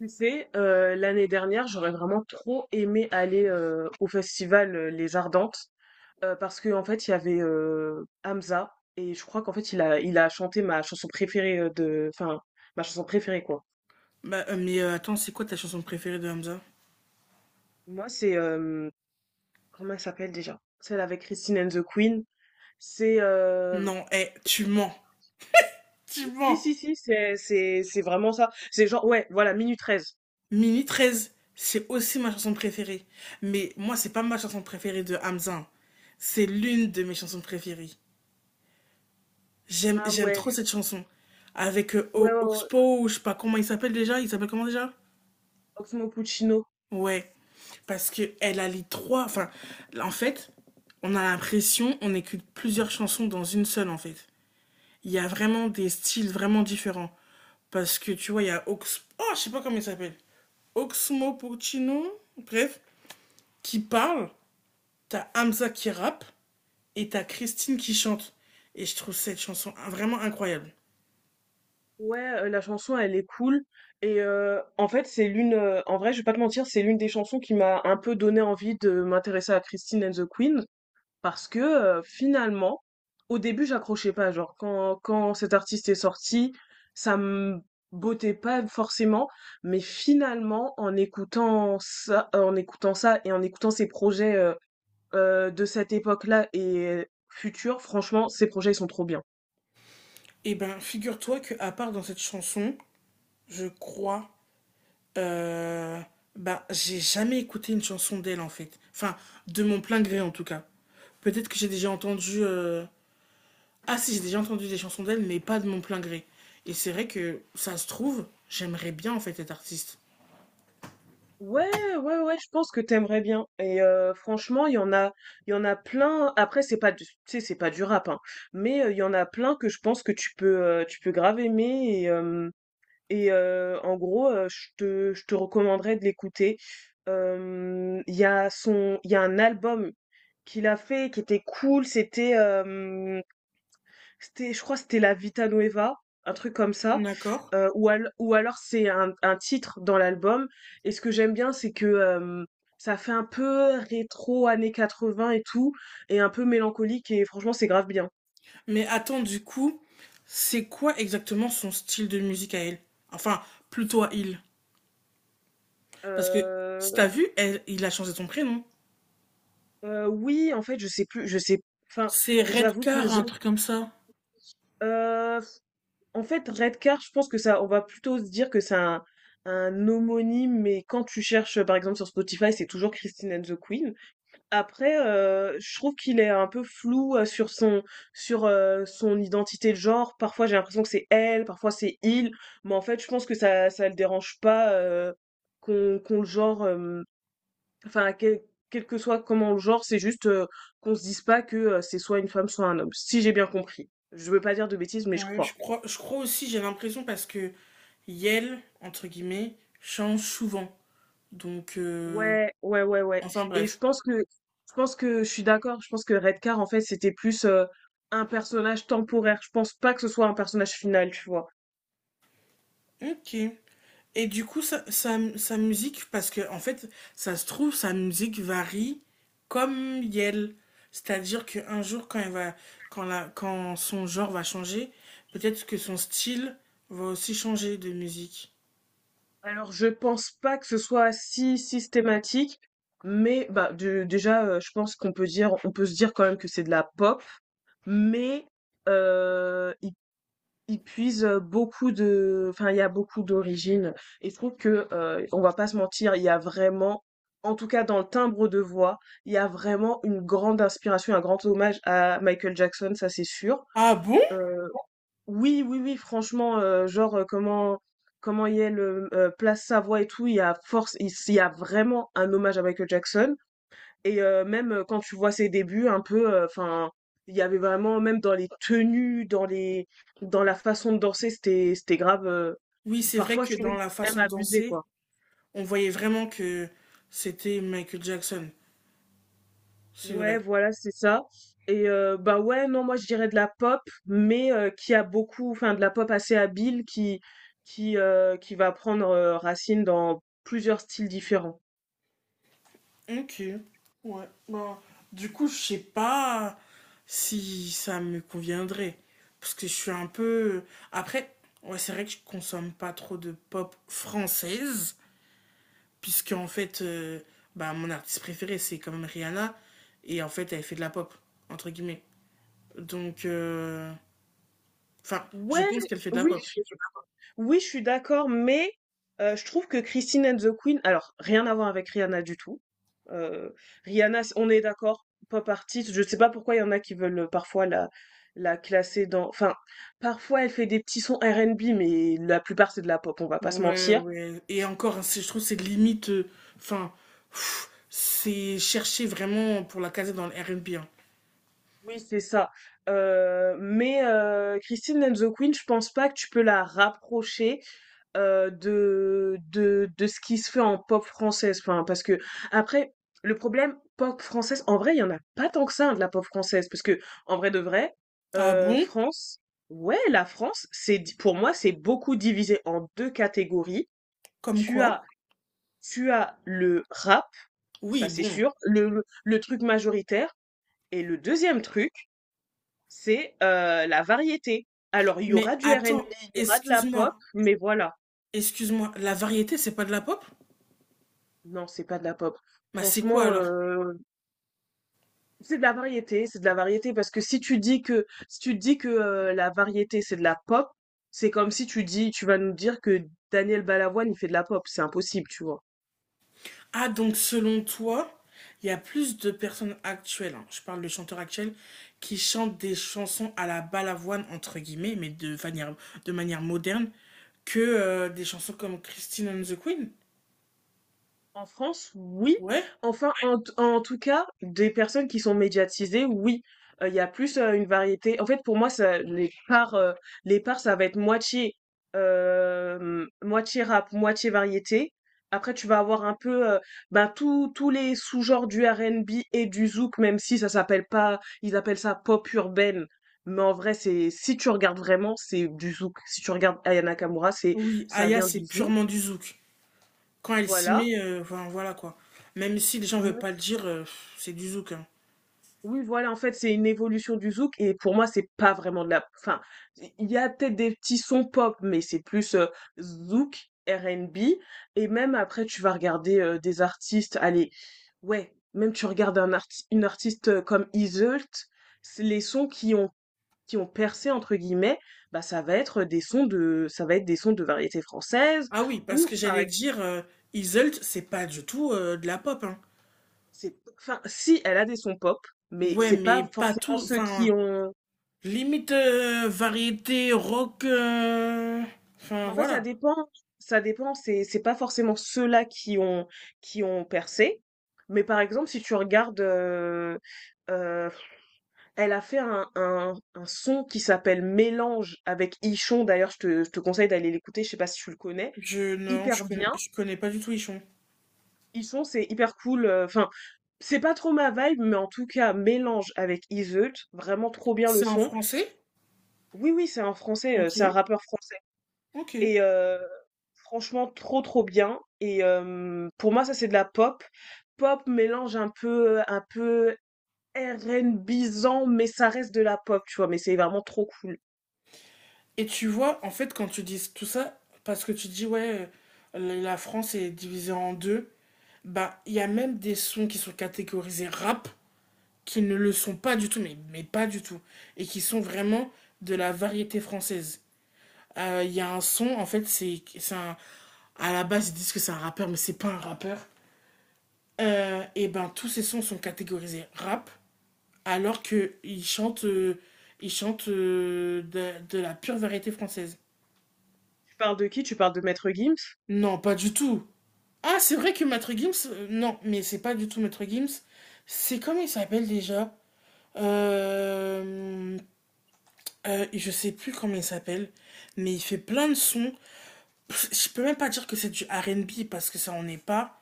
Tu sais, l'année dernière, j'aurais vraiment trop aimé aller au festival Les Ardentes parce que en fait, il y avait Hamza et je crois qu'en fait, il a chanté ma chanson préférée enfin, ma chanson préférée quoi. Attends, c'est quoi ta chanson préférée de Hamza? Moi, c'est comment elle s'appelle déjà? Celle avec Christine and the Queen. C'est Non, eh, tu mens. Tu si mens. si si, c'est vraiment ça. C'est genre ouais, voilà, Minute treize. Mini 13 c'est aussi ma chanson préférée. Mais moi, c'est pas ma chanson préférée de Hamza, hein. C'est l'une de mes chansons préférées. J'aime, Ah j'aime ouais, trop cette chanson. Avec ouais ouais, ouais. Oxpo, ou je sais pas comment il s'appelle déjà. Il s'appelle comment déjà? Oxmo Puccino. Ouais, parce que elle a les trois. Enfin, en fait, on a l'impression on écoute plusieurs chansons dans une seule, en fait. Il y a vraiment des styles vraiment différents. Parce que tu vois, il y a Oh, je sais pas comment il s'appelle. Oxmo Puccino, bref, qui parle. T'as Hamza qui rappe et t'as Christine qui chante. Et je trouve cette chanson vraiment incroyable. Ouais, la chanson, elle est cool. Et en fait, en vrai, je vais pas te mentir, c'est l'une des chansons qui m'a un peu donné envie de m'intéresser à Christine and the Queen. Parce que finalement, au début, j'accrochais pas. Genre, quand cet artiste est sorti, ça me bottait pas forcément. Mais finalement, en écoutant ça et en écoutant ses projets de cette époque-là et future, franchement, ces projets, ils sont trop bien. Et ben, figure-toi que à part dans cette chanson, je crois, euh, bah, j'ai jamais écouté une chanson d'elle en fait. Enfin, de mon plein gré en tout cas. Peut-être que j'ai déjà entendu. Ah si, j'ai déjà entendu des chansons d'elle, mais pas de mon plein gré. Et c'est vrai que ça se trouve, j'aimerais bien en fait être artiste. Ouais, ouais, ouais, je pense que t'aimerais bien et franchement, il y en a plein. Après, c'est pas du tu sais, c'est pas du rap, hein, mais il y en a plein que je pense que tu peux grave aimer. Et en gros, je te recommanderais de l'écouter. Il y a un album qu'il a fait qui était cool, c'était je crois que c'était La Vita Nueva, un truc comme ça, D'accord. Ou alors c'est un titre dans l'album, et ce que j'aime bien, c'est que, hem, ça fait un peu rétro années 80 et tout, et un peu mélancolique, et franchement, c'est grave bien. Mais attends, du coup, c'est quoi exactement son style de musique à elle? Enfin, plutôt à il. Parce que si Heu t'as vu, elle, il a changé son prénom. Oui, en fait, je sais plus je sais, enfin, C'est j'avoue que Redcar, les un truc comme ça. Heu, en fait, Redcar, je pense que ça, on va plutôt se dire que c'est un homonyme, mais quand tu cherches, par exemple sur Spotify, c'est toujours Christine and the Queen. Après, je trouve qu'il est un peu flou, sur son identité de genre. Parfois, j'ai l'impression que c'est elle, parfois c'est il, mais en fait, je pense que ça le dérange pas, qu'on le genre, enfin, quel que soit comment le genre, c'est juste, qu'on se dise pas que, c'est soit une femme, soit un homme, si j'ai bien compris. Je veux pas dire de bêtises, mais je Ouais, je crois. crois, je crois aussi, j'ai l'impression parce que Yel, entre guillemets, change souvent. Donc, euh, Ouais, ouais, ouais, ouais. enfin Et je bref. pense que je pense que je suis d'accord. Je pense que Redcar, en fait, c'était plus un personnage temporaire. Je pense pas que ce soit un personnage final, tu vois. Ok. Et du coup, sa musique, parce que en fait, ça se trouve, sa musique varie comme Yel. C'est-à-dire qu'un jour, quand, elle va, quand, la, quand son genre va changer, peut-être que son style va aussi changer de musique. Alors, je pense pas que ce soit si systématique, mais bah déjà, je pense qu'on peut dire, on peut se dire quand même que c'est de la pop, mais euh, Ils puisent, beaucoup de enfin, il y a beaucoup d'origines, et je trouve que, on va pas se mentir, il y a vraiment, en tout cas dans le timbre de voix, il y a vraiment une grande inspiration, un grand hommage à Michael Jackson, ça c'est sûr. Ah bon? Heu, oui, oui, oui, franchement, genre, comment Yael, place sa voix et tout, il y a vraiment un hommage à Michael Jackson. Et même quand tu vois ses débuts, un peu, enfin, il y avait vraiment, même dans les tenues, dans la façon de danser, c'était grave. euh, Oui, c'est vrai parfois, que je trouvais dans que la c'était même façon de abusé, danser, quoi. on voyait vraiment que c'était Michael Jackson. C'est vrai. Ouais, voilà, c'est ça. Et bah ouais, non, moi je dirais de la pop, mais qui a beaucoup, enfin, de la pop assez habile, qui va prendre racine dans plusieurs styles différents. Ok, ouais. Bah, du coup, je sais pas si ça me conviendrait. Parce que je suis un peu. Après, ouais, c'est vrai que je consomme pas trop de pop française. Puisque, en fait, euh, Bah, mon artiste préféré, c'est quand même Rihanna. Et en fait, elle fait de la pop, entre guillemets. Donc, euh, enfin, je Ouais, pense oui, qu'elle fait de la pop. oui, je suis d'accord, mais je trouve que Christine and the Queen, alors rien à voir avec Rihanna du tout. Euh, Rihanna, on est d'accord, pop artiste. Je sais pas pourquoi il y en a qui veulent parfois la classer dans. Enfin, parfois elle fait des petits sons R&B, mais la plupart c'est de la pop. On va pas se Ouais, mentir. ouais. Et encore, hein, c'est- je trouve que c'est limite. Enfin, pff, c'est chercher vraiment pour la caser dans le R&B, hein. Oui, c'est ça. Mais Christine and the Queen, je pense pas que tu peux la rapprocher de ce qui se fait en pop française. Enfin, parce que, après, le problème, pop française, en vrai, il y en a pas tant que ça, hein, de la pop française. Parce que, en vrai de vrai, Ah euh, bon? France, ouais, la France, c'est, pour moi, c'est beaucoup divisé en deux catégories. Comme Tu as, quoi? tu as le rap, Oui, ça c'est bon. sûr, le truc majoritaire. Et le deuxième truc, c'est la variété. Alors, il y aura Mais du R&B, attends, il y aura de la pop, excuse-moi, mais voilà. excuse-moi, la variété, c'est pas de la pop? Non, c'est pas de la pop. Bah c'est quoi Franchement, alors? C'est de la variété parce que si tu dis que, la variété, c'est de la pop, c'est comme si tu vas nous dire que Daniel Balavoine, il fait de la pop, c'est impossible, tu vois? Ah donc selon toi, il y a plus de personnes actuelles, hein, je parle de chanteurs actuels, qui chantent des chansons à la balavoine, entre guillemets, mais de manière moderne, que des chansons comme Christine and the Queen? En France, oui. Ouais? Enfin, en tout cas, des personnes qui sont médiatisées, oui. Il y a plus une variété. En fait, pour moi, ça, les parts, ça va être moitié rap, moitié variété. Après, tu vas avoir un peu, ben, tous les sous-genres du R&B et du zouk, même si ça s'appelle pas, ils appellent ça pop urbaine. Mais en vrai, c'est, si tu regardes vraiment, c'est du zouk. Si tu regardes Ayana Nakamura, Oui, ça Aya, vient c'est du zouk. purement du zouk. Quand elle s'y Voilà. met, enfin, voilà quoi. Même si les gens veulent pas le dire, c'est du zouk, hein. Oui, voilà, en fait, c'est une évolution du zouk, et pour moi, c'est pas vraiment enfin, il y a peut-être des petits sons pop, mais c'est plus zouk, R&B. Et même après, tu vas regarder des artistes. Allez, ouais, même tu regardes une artiste comme Izzult, c'est les sons qui ont percé entre guillemets, bah ça va être des sons de variété française, Ah oui, parce ou que j'allais pareil, dire. Iselt, c'est pas du tout de la pop, hein. c'est, enfin, si elle a des sons pop, mais Ouais, c'est mais pas pas forcément tout, ceux qui enfin, ont. limite variété rock, enfin Mais En fait, ça voilà. dépend. Ça dépend. C'est pas forcément ceux-là qui ont percé. Mais par exemple, si tu regardes, euh, elle a fait un son qui s'appelle Mélange avec Ichon. D'ailleurs, je te conseille d'aller l'écouter. Je sais pas si tu le connais. Je non, Hyper bien. je connais pas du tout Ichon. Ichon, c'est hyper cool. Enfin, c'est pas trop ma vibe, mais en tout cas, Mélange avec Iseult. Vraiment trop bien le C'est en son. français? Oui, oui, c'est un français. C'est un Ok, rappeur français. ok. Et franchement trop, trop bien, et pour moi, ça c'est de la pop. Pop mélange un peu RnBisant, mais ça reste de la pop, tu vois? Mais c'est vraiment trop cool. Et tu vois, en fait, quand tu dis tout ça, parce que tu dis ouais, la la France est divisée en deux, bah il y a même des sons qui sont catégorisés rap qui ne le sont pas du tout, mais pas du tout, et qui sont vraiment de la variété française. Il y a un son, en fait, c'est un... À la base, ils disent que c'est un rappeur, mais c'est pas un rappeur. Et ben, tous ces sons sont catégorisés rap, alors qu'ils chantent, ils chantent de la pure variété française. Tu parles de qui? Tu parles de Maître Gims? Non, pas du tout. Ah, c'est vrai que Maître Gims, non, mais c'est pas du tout Maître Gims. C'est comment il s'appelle déjà. Euh, je sais plus comment il s'appelle, mais il fait plein de sons. Je peux même pas dire que c'est du R&B parce que ça en est pas,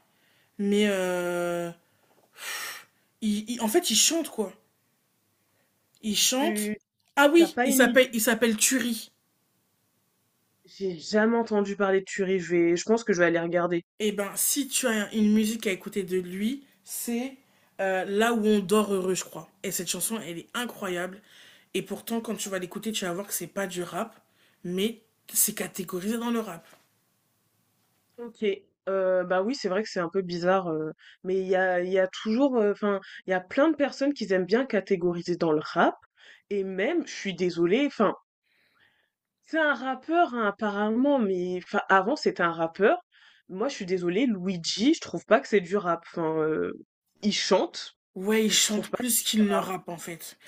mais euh, en fait il chante quoi. Il chante. Tu Ah t'as oui, pas il une s'appelle idée? il s'appelle Turi. J'ai jamais entendu parler de Turi, je pense que je vais aller regarder. Eh ben si tu as une musique à écouter de lui, c'est Là où on dort heureux, je crois. Et cette chanson, elle est incroyable. Et pourtant, quand tu vas l'écouter, tu vas voir que c'est pas du rap, mais c'est catégorisé dans le rap. OK, bah, oui, c'est vrai que c'est un peu bizarre, mais il y a toujours, enfin, il y a plein de personnes qui aiment bien catégoriser dans le rap, et même, je suis désolée, enfin, c'est un rappeur, hein, apparemment, mais enfin, avant, c'était un rappeur. Moi, je suis désolée, Luigi, je trouve pas que c'est du rap. Enfin, il chante, Ouais, il je trouve chante pas que plus ça qu'il ne rap. rappe en fait.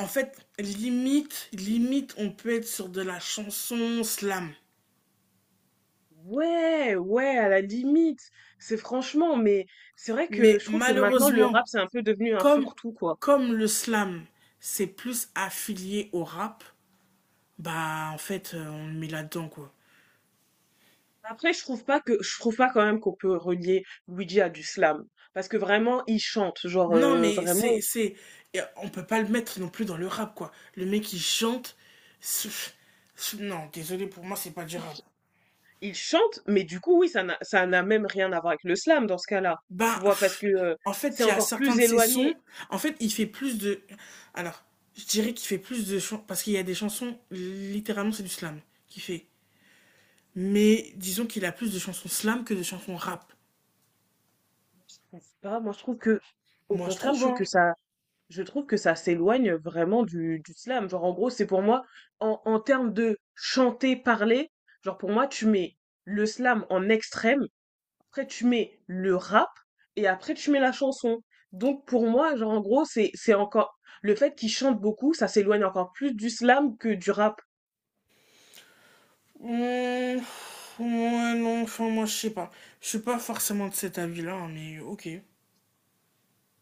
En fait, on peut être sur de la chanson slam. Ouais, ouais, à la limite. C'est franchement, mais c'est vrai que Mais je trouve que maintenant, le rap, malheureusement, c'est un peu devenu un comme, fourre-tout, quoi. comme le slam, c'est plus affilié au rap, bah en fait, on le met là-dedans quoi. Après, je trouve pas quand même qu'on peut relier Luigi à du slam. Parce que vraiment, il chante, genre, Non, mais vraiment, et on peut pas le mettre non plus dans le rap quoi. Le mec il chante, c'est- non, désolé pour moi, c'est pas du il, rap. Ils chantent, mais du coup, oui, ça n'a même rien à voir avec le slam dans ce cas-là. Tu Ben, vois, parce pff, que en c'est fait, il y a encore certains plus de ses éloigné. sons. En fait, il fait plus de. Alors, je dirais qu'il fait plus de chansons. Parce qu'il y a des chansons, littéralement, c'est du slam qu'il fait. Mais disons qu'il a plus de chansons slam que de chansons rap. Je sais pas, moi je trouve que, au Moi, je contraire, je trouve, trouve hein. que ça, s'éloigne vraiment du slam. Genre, en gros, c'est pour moi, en termes de chanter, parler, genre pour moi, tu mets le slam en extrême, après tu mets le rap, et après tu mets la chanson. Donc pour moi, genre en gros, c'est encore, le fait qu'ils chantent beaucoup, ça s'éloigne encore plus du slam que du rap. Hum, ouais, non, enfin, moi, je sais pas. Je suis pas forcément de cet avis-là, hein, mais ok.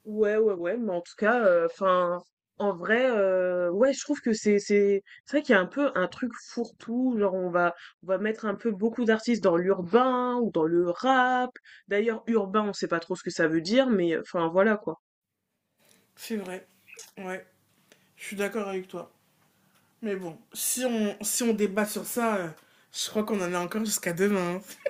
Ouais, ouais, ouais, mais en tout cas, enfin, en vrai, ouais, je trouve que c'est vrai qu'il y a un peu un truc fourre-tout, genre on va mettre un peu beaucoup d'artistes dans l'urbain ou dans le rap. D'ailleurs, urbain, on sait pas trop ce que ça veut dire, mais enfin voilà quoi. C'est vrai. Ouais, je suis d'accord avec toi. Mais bon, si on débat sur ça, je crois qu'on en a encore jusqu'à demain, hein.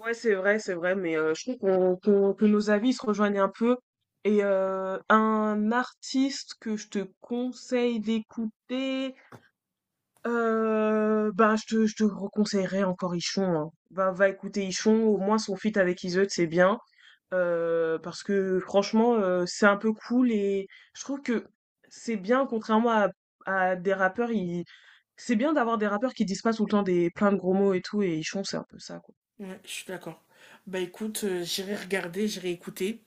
Ouais, c'est vrai, mais je trouve qu'on qu'on que nos avis se rejoignent un peu. Et un artiste que je te conseille d'écouter. Bah, je te reconseillerais encore Ichon, hein. Va écouter Ichon, au moins son feat avec Iseut, c'est bien. Parce que franchement, c'est un peu cool, et je trouve que c'est bien contrairement à des rappeurs, ils c'est bien d'avoir des rappeurs qui disent pas tout le temps des plein de gros mots et tout, et Ichon, c'est un peu ça, quoi. Ouais, je suis d'accord. Bah écoute, j'irai regarder, j'irai écouter,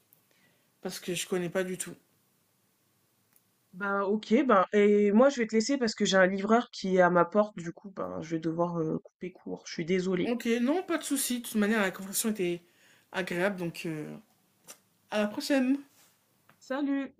parce que je connais pas du tout. Bah, OK, ben et moi, je vais te laisser parce que j'ai un livreur qui est à ma porte, du coup, ben, je vais devoir, couper court. Je suis désolée. Ok, non, pas de souci. De toute manière, la conversation était agréable, donc à la prochaine. Salut!